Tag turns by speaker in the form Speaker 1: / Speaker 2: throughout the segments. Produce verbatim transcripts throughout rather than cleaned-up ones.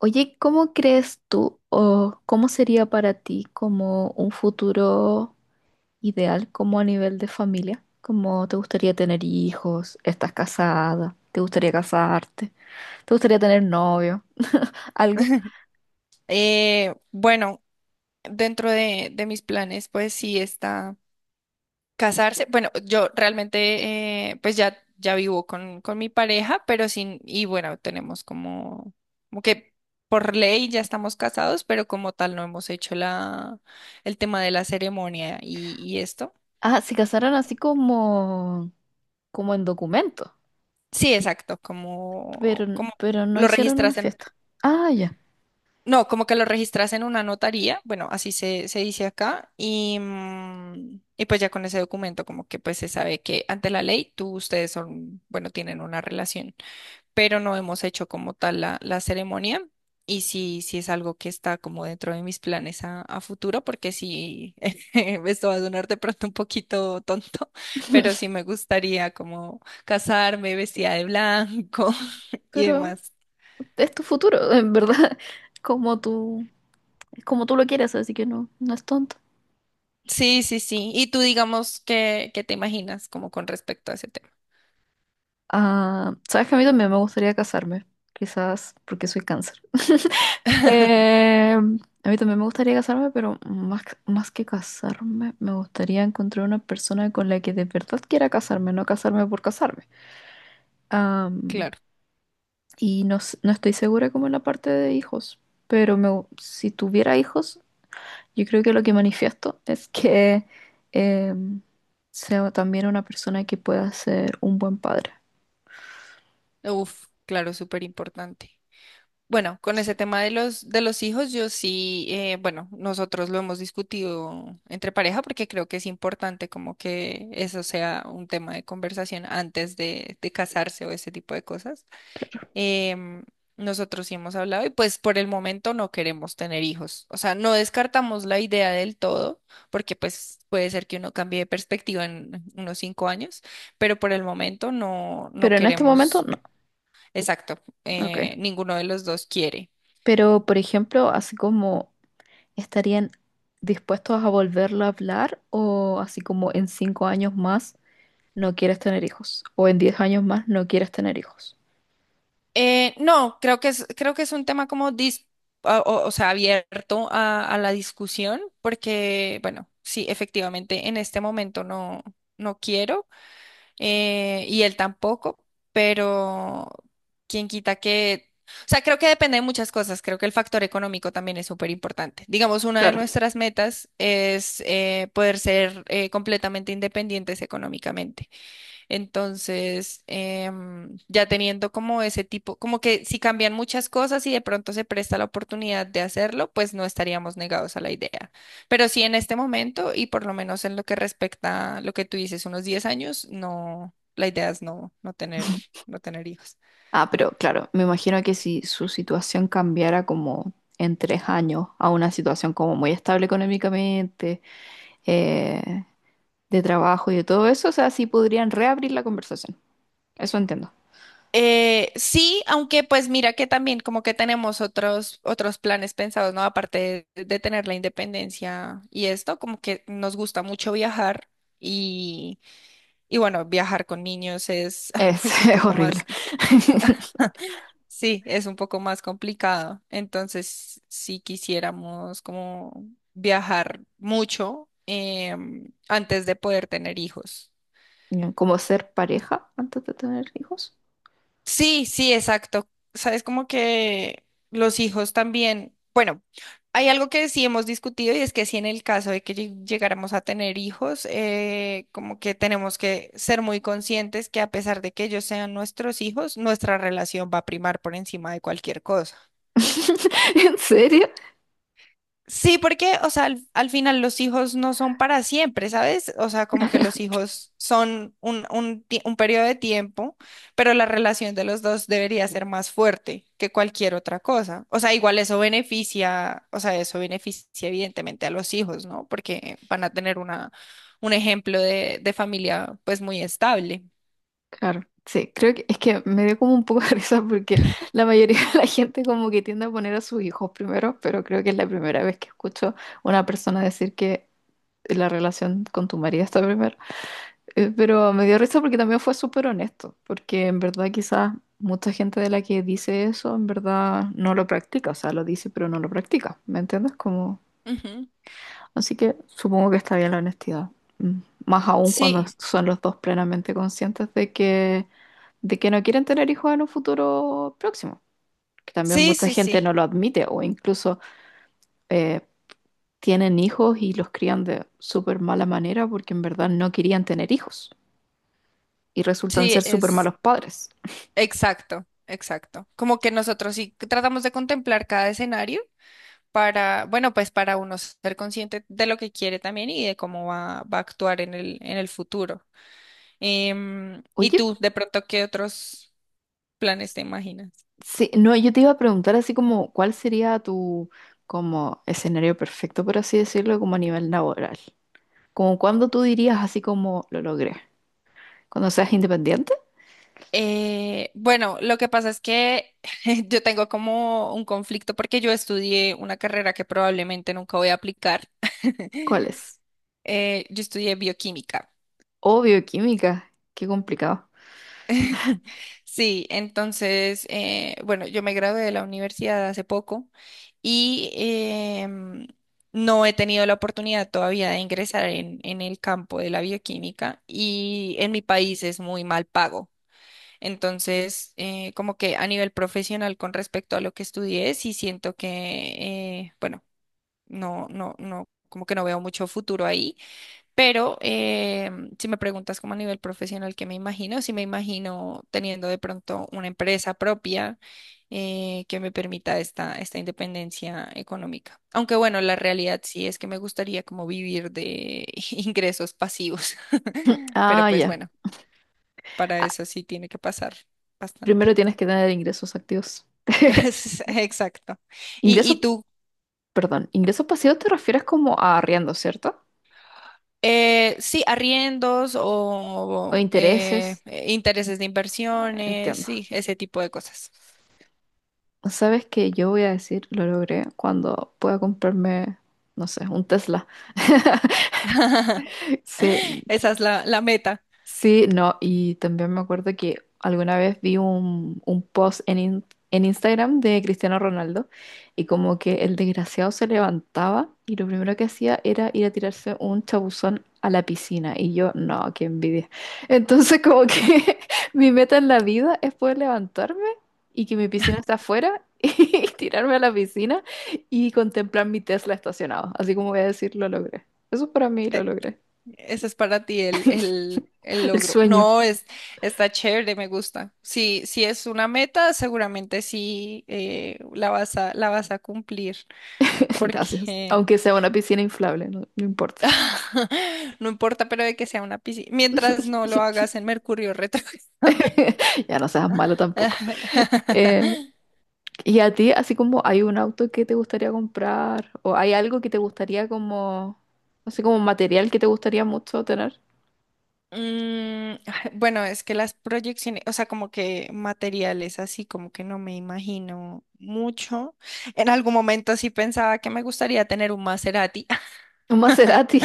Speaker 1: Oye, ¿cómo crees tú o cómo sería para ti como un futuro ideal, como a nivel de familia? ¿Cómo te gustaría tener hijos? ¿Estás casada? ¿Te gustaría casarte? ¿Te gustaría tener novio? Algo.
Speaker 2: Eh, bueno, dentro de, de mis planes, pues sí está casarse. Bueno, yo realmente, eh, pues ya, ya vivo con, con mi pareja, pero sin, y bueno, tenemos como, como que por ley ya estamos casados, pero como tal no hemos hecho la, el tema de la ceremonia y, y esto.
Speaker 1: Ah, se casaron así como, como en documento,
Speaker 2: Sí, exacto,
Speaker 1: pero,
Speaker 2: como, como
Speaker 1: pero no
Speaker 2: lo
Speaker 1: hicieron una
Speaker 2: registras.
Speaker 1: fiesta. Ah, ya.
Speaker 2: No, como que lo registras en una notaría, bueno, así se, se dice acá, y, mm, y pues ya con ese documento como que pues se sabe que ante la ley tú, ustedes son, bueno, tienen una relación, pero no hemos hecho como tal la, la ceremonia y sí, sí es algo que está como dentro de mis planes a, a futuro, porque sí, esto va a sonar de pronto un poquito tonto, pero sí me gustaría como casarme vestida de blanco
Speaker 1: Mm.
Speaker 2: y
Speaker 1: Pero
Speaker 2: demás.
Speaker 1: es tu futuro, en verdad, como tú, es como tú lo quieres, así que no, no es tonto.
Speaker 2: Sí, sí, sí. Y tú digamos que, que te imaginas como con respecto a ese tema.
Speaker 1: Ah, sabes que a mí también me gustaría casarme, quizás porque soy cáncer. Eh, a mí también me gustaría casarme, pero más, más que casarme, me gustaría encontrar una persona con la que de verdad quiera casarme, no casarme por casarme. Am,
Speaker 2: Claro.
Speaker 1: y no, s- no estoy segura como en la parte de hijos, pero me gu- si tuviera hijos, yo creo que lo que manifiesto es que em, sea también una persona que pueda ser un buen padre.
Speaker 2: Uf, claro, súper importante. Bueno, con ese
Speaker 1: Sí.
Speaker 2: tema de los, de los hijos, yo sí, eh, bueno, nosotros lo hemos discutido entre pareja porque creo que es importante como que eso sea un tema de conversación antes de, de casarse o ese tipo de cosas. Em, Nosotros sí hemos hablado y pues por el momento no queremos tener hijos. O sea, no descartamos la idea del todo, porque pues puede ser que uno cambie de perspectiva en unos cinco años, pero por el momento no, no
Speaker 1: Pero en este momento
Speaker 2: queremos,
Speaker 1: no.
Speaker 2: exacto,
Speaker 1: Ok.
Speaker 2: eh, ninguno de los dos quiere.
Speaker 1: Pero, por ejemplo, así como estarían dispuestos a volverlo a hablar o así como en cinco años más no quieres tener hijos o en diez años más no quieres tener hijos.
Speaker 2: Eh, no, creo que es, creo que es un tema como dis- a- o, o sea, abierto a, a la discusión, porque, bueno, sí, efectivamente, en este momento no, no quiero. Eh, y él tampoco, pero quién quita que... O sea, creo que depende de muchas cosas. Creo que el factor económico también es súper importante. Digamos, una de
Speaker 1: Claro.
Speaker 2: nuestras metas es eh, poder ser eh, completamente independientes económicamente. Entonces, em, ya teniendo como ese tipo, como que si cambian muchas cosas y de pronto se presta la oportunidad de hacerlo, pues no estaríamos negados a la idea. Pero sí en este momento y por lo menos en lo que respecta a lo que tú dices, unos diez años, no, la idea es no, no tener, no tener hijos.
Speaker 1: Ah, pero claro, me imagino que si su situación cambiara como en tres años a una situación como muy estable económicamente, eh, de trabajo y de todo eso, o sea, sí podrían reabrir la conversación. Eso entiendo.
Speaker 2: Eh, sí, aunque pues mira que también como que tenemos otros, otros planes pensados, ¿no? Aparte de, de tener la independencia y esto, como que nos gusta mucho viajar. Y bueno, viajar con niños es,
Speaker 1: Es,
Speaker 2: es un
Speaker 1: es
Speaker 2: poco
Speaker 1: horrible.
Speaker 2: más, sí, es un poco más complicado. Entonces, si quisiéramos como viajar mucho em, antes de poder tener hijos.
Speaker 1: Como ser pareja antes de tener hijos.
Speaker 2: Sí, sí, exacto. Sabes, como que los hijos también, bueno, hay algo que sí hemos discutido y es que si en el caso de que lleg- llegáramos a tener hijos, eh, como que tenemos que ser muy conscientes que a pesar de que ellos sean nuestros hijos, nuestra relación va a primar por encima de cualquier cosa.
Speaker 1: ¿En serio?
Speaker 2: Sí, porque, o sea, al, al final los hijos no son para siempre, ¿sabes? O sea, como que los hijos son un, un, tie- un periodo de tiempo, pero la relación de los dos debería ser más fuerte que cualquier otra cosa. O sea, igual eso beneficia, o sea, eso beneficia evidentemente a los hijos, ¿no? Porque van a tener una, un ejemplo de, de familia pues muy estable.
Speaker 1: Claro, sí, creo que es que me dio como un poco de risa porque la mayoría de la gente como que tiende a poner a sus hijos primero, pero creo que es la primera vez que escucho una persona decir que la relación con tu marido está primero. Eh, Pero me dio risa porque también fue súper honesto, porque en verdad quizás mucha gente de la que dice eso en verdad no lo practica, o sea, lo dice pero no lo practica, ¿me entiendes? Como.
Speaker 2: Ujú.
Speaker 1: Así que supongo que está bien la honestidad. Mm. Más aún cuando
Speaker 2: Sí,
Speaker 1: son los dos plenamente conscientes de que, de que no quieren tener hijos en un futuro próximo. Que también
Speaker 2: sí,
Speaker 1: mucha
Speaker 2: sí,
Speaker 1: gente
Speaker 2: sí.
Speaker 1: no lo admite o incluso eh, tienen hijos y los crían de súper mala manera porque en verdad no querían tener hijos y resultan
Speaker 2: Sí,
Speaker 1: ser súper
Speaker 2: es.
Speaker 1: malos padres.
Speaker 2: Exacto, exacto. Como que nosotros sí tratamos de contemplar cada escenario para, bueno, pues para uno ser consciente de lo que quiere también y de cómo va, va a actuar en el, en el futuro. Em, ¿y
Speaker 1: Oye,
Speaker 2: tú, de pronto, qué otros planes te imaginas?
Speaker 1: sí, no, yo te iba a preguntar así como, ¿cuál sería tu como escenario perfecto, por así decirlo, como a nivel laboral? Como cuando tú dirías así como lo logré. Cuando seas independiente,
Speaker 2: Eh, bueno, lo que pasa es que yo tengo como un conflicto porque yo estudié una carrera que probablemente nunca voy a aplicar.
Speaker 1: ¿cuál es?
Speaker 2: Eh, yo estudié bioquímica.
Speaker 1: Oh, bioquímica. Qué complicado.
Speaker 2: Sí, entonces, eh, bueno, yo me gradué de la universidad hace poco y em, no he tenido la oportunidad todavía de ingresar en, en el campo de la bioquímica y en mi país es muy mal pago. Entonces, eh, como que a nivel profesional con respecto a lo que estudié, sí siento que, eh, bueno, no, no, no, como que no veo mucho futuro ahí, pero eh, si me preguntas como a nivel profesional, ¿qué me imagino? Sí me imagino teniendo de pronto una empresa propia, eh, que me permita esta, esta independencia económica. Aunque bueno, la realidad sí es que me gustaría como vivir de ingresos pasivos. Pero
Speaker 1: Ah,
Speaker 2: pues
Speaker 1: ya.
Speaker 2: bueno, para
Speaker 1: Ah,
Speaker 2: eso sí tiene que pasar
Speaker 1: primero
Speaker 2: bastante.
Speaker 1: tienes que tener ingresos activos.
Speaker 2: Exacto. ¿Y,
Speaker 1: Ingresos,
Speaker 2: y tú?
Speaker 1: perdón, ingresos pasivos te refieres como a arriendo, ¿cierto?
Speaker 2: Eh, sí, arriendos
Speaker 1: O
Speaker 2: o eh,
Speaker 1: intereses.
Speaker 2: eh, intereses de
Speaker 1: Ah,
Speaker 2: inversiones,
Speaker 1: entiendo.
Speaker 2: sí, ese tipo de cosas.
Speaker 1: ¿Sabes que yo voy a decir, lo logré cuando pueda comprarme, no sé, un Tesla? Sí.
Speaker 2: Esa es la, la meta.
Speaker 1: Sí, no, y también me acuerdo que alguna vez vi un, un post en, in- en Instagram de Cristiano Ronaldo y como que el desgraciado se levantaba y lo primero que hacía era ir a tirarse un chabuzón a la piscina y yo, no, qué envidia. Entonces como que mi meta en la vida es poder levantarme y que mi piscina está afuera y tirarme a la piscina y contemplar mi Tesla estacionado. Así como voy a decir, lo logré. Eso para mí lo
Speaker 2: Eh,
Speaker 1: logré.
Speaker 2: Ese es para ti el, el, el
Speaker 1: El
Speaker 2: logro.
Speaker 1: sueño.
Speaker 2: No, es, está chévere, me gusta. Si, si es una meta, seguramente sí eh, la vas a, la vas a cumplir,
Speaker 1: Gracias.
Speaker 2: porque
Speaker 1: Aunque sea una piscina inflable, no, no importa.
Speaker 2: no importa, pero de que sea una piscina, mientras no lo hagas en Mercurio retrógrado.
Speaker 1: Ya no seas malo tampoco. Eh, ¿Y a ti, así como hay un auto que te gustaría comprar o hay algo que te gustaría como, no sé, como material que te gustaría mucho tener?
Speaker 2: Mm, bueno, es que las proyecciones, o sea, como que materiales así, como que no me imagino mucho. En algún momento sí pensaba que me gustaría tener un Maserati,
Speaker 1: Un Maserati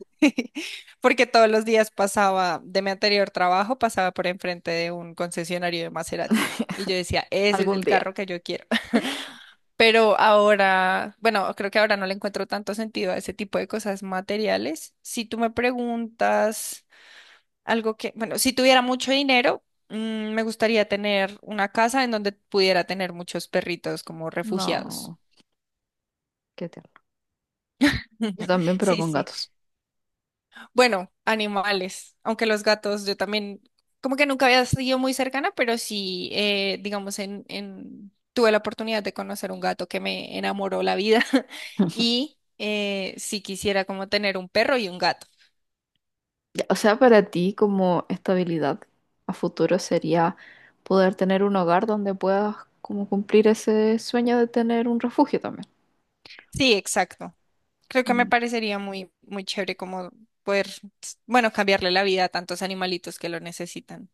Speaker 2: porque todos los días pasaba de mi anterior trabajo, pasaba por enfrente de un concesionario de Maserati. Y yo decía, ese es
Speaker 1: algún
Speaker 2: el
Speaker 1: día.
Speaker 2: carro que yo quiero. Pero ahora, bueno, creo que ahora no le encuentro tanto sentido a ese tipo de cosas materiales. Si tú me preguntas... Algo que, bueno, si tuviera mucho dinero, mm, me gustaría tener una casa en donde pudiera tener muchos perritos como refugiados.
Speaker 1: No, qué tierno. Yo también, pero
Speaker 2: Sí,
Speaker 1: con
Speaker 2: sí.
Speaker 1: gatos.
Speaker 2: Bueno, animales, aunque los gatos, yo también, como que nunca había sido muy cercana, pero sí, eh, digamos, en, en, tuve la oportunidad de conocer un gato que me enamoró la vida y eh, sí quisiera como tener un perro y un gato.
Speaker 1: Ya, o sea, para ti como estabilidad a futuro sería poder tener un hogar donde puedas como cumplir ese sueño de tener un refugio también.
Speaker 2: Sí, exacto. Creo que me parecería muy, muy chévere como poder, bueno, cambiarle la vida a tantos animalitos que lo necesitan.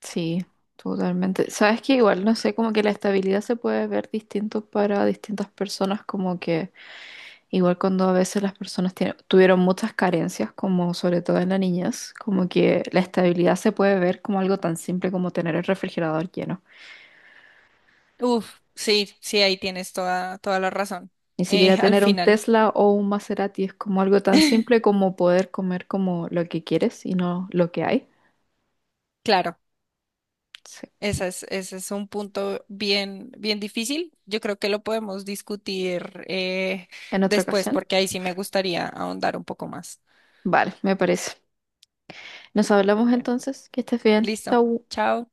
Speaker 1: Sí, totalmente. Sabes que igual, no sé, como que la estabilidad se puede ver distinto para distintas personas, como que igual cuando a veces las personas tiene- tuvieron muchas carencias, como sobre todo en la niñez, como que la estabilidad se puede ver como algo tan simple como tener el refrigerador lleno.
Speaker 2: Uf, sí, sí, ahí tienes toda, toda la razón.
Speaker 1: Ni
Speaker 2: Eh,
Speaker 1: siquiera
Speaker 2: al
Speaker 1: tener un
Speaker 2: final.
Speaker 1: Tesla o un Maserati es como algo tan simple como poder comer como lo que quieres y no lo que hay.
Speaker 2: Claro,
Speaker 1: Sí.
Speaker 2: esa es- ese es un punto bien, bien difícil. Yo creo que lo podemos discutir eh,
Speaker 1: En otra
Speaker 2: después
Speaker 1: ocasión.
Speaker 2: porque ahí sí me gustaría ahondar un poco más.
Speaker 1: Vale, me parece. Nos hablamos
Speaker 2: Bueno,
Speaker 1: entonces. Que estés bien.
Speaker 2: listo.
Speaker 1: Chau.
Speaker 2: Chao.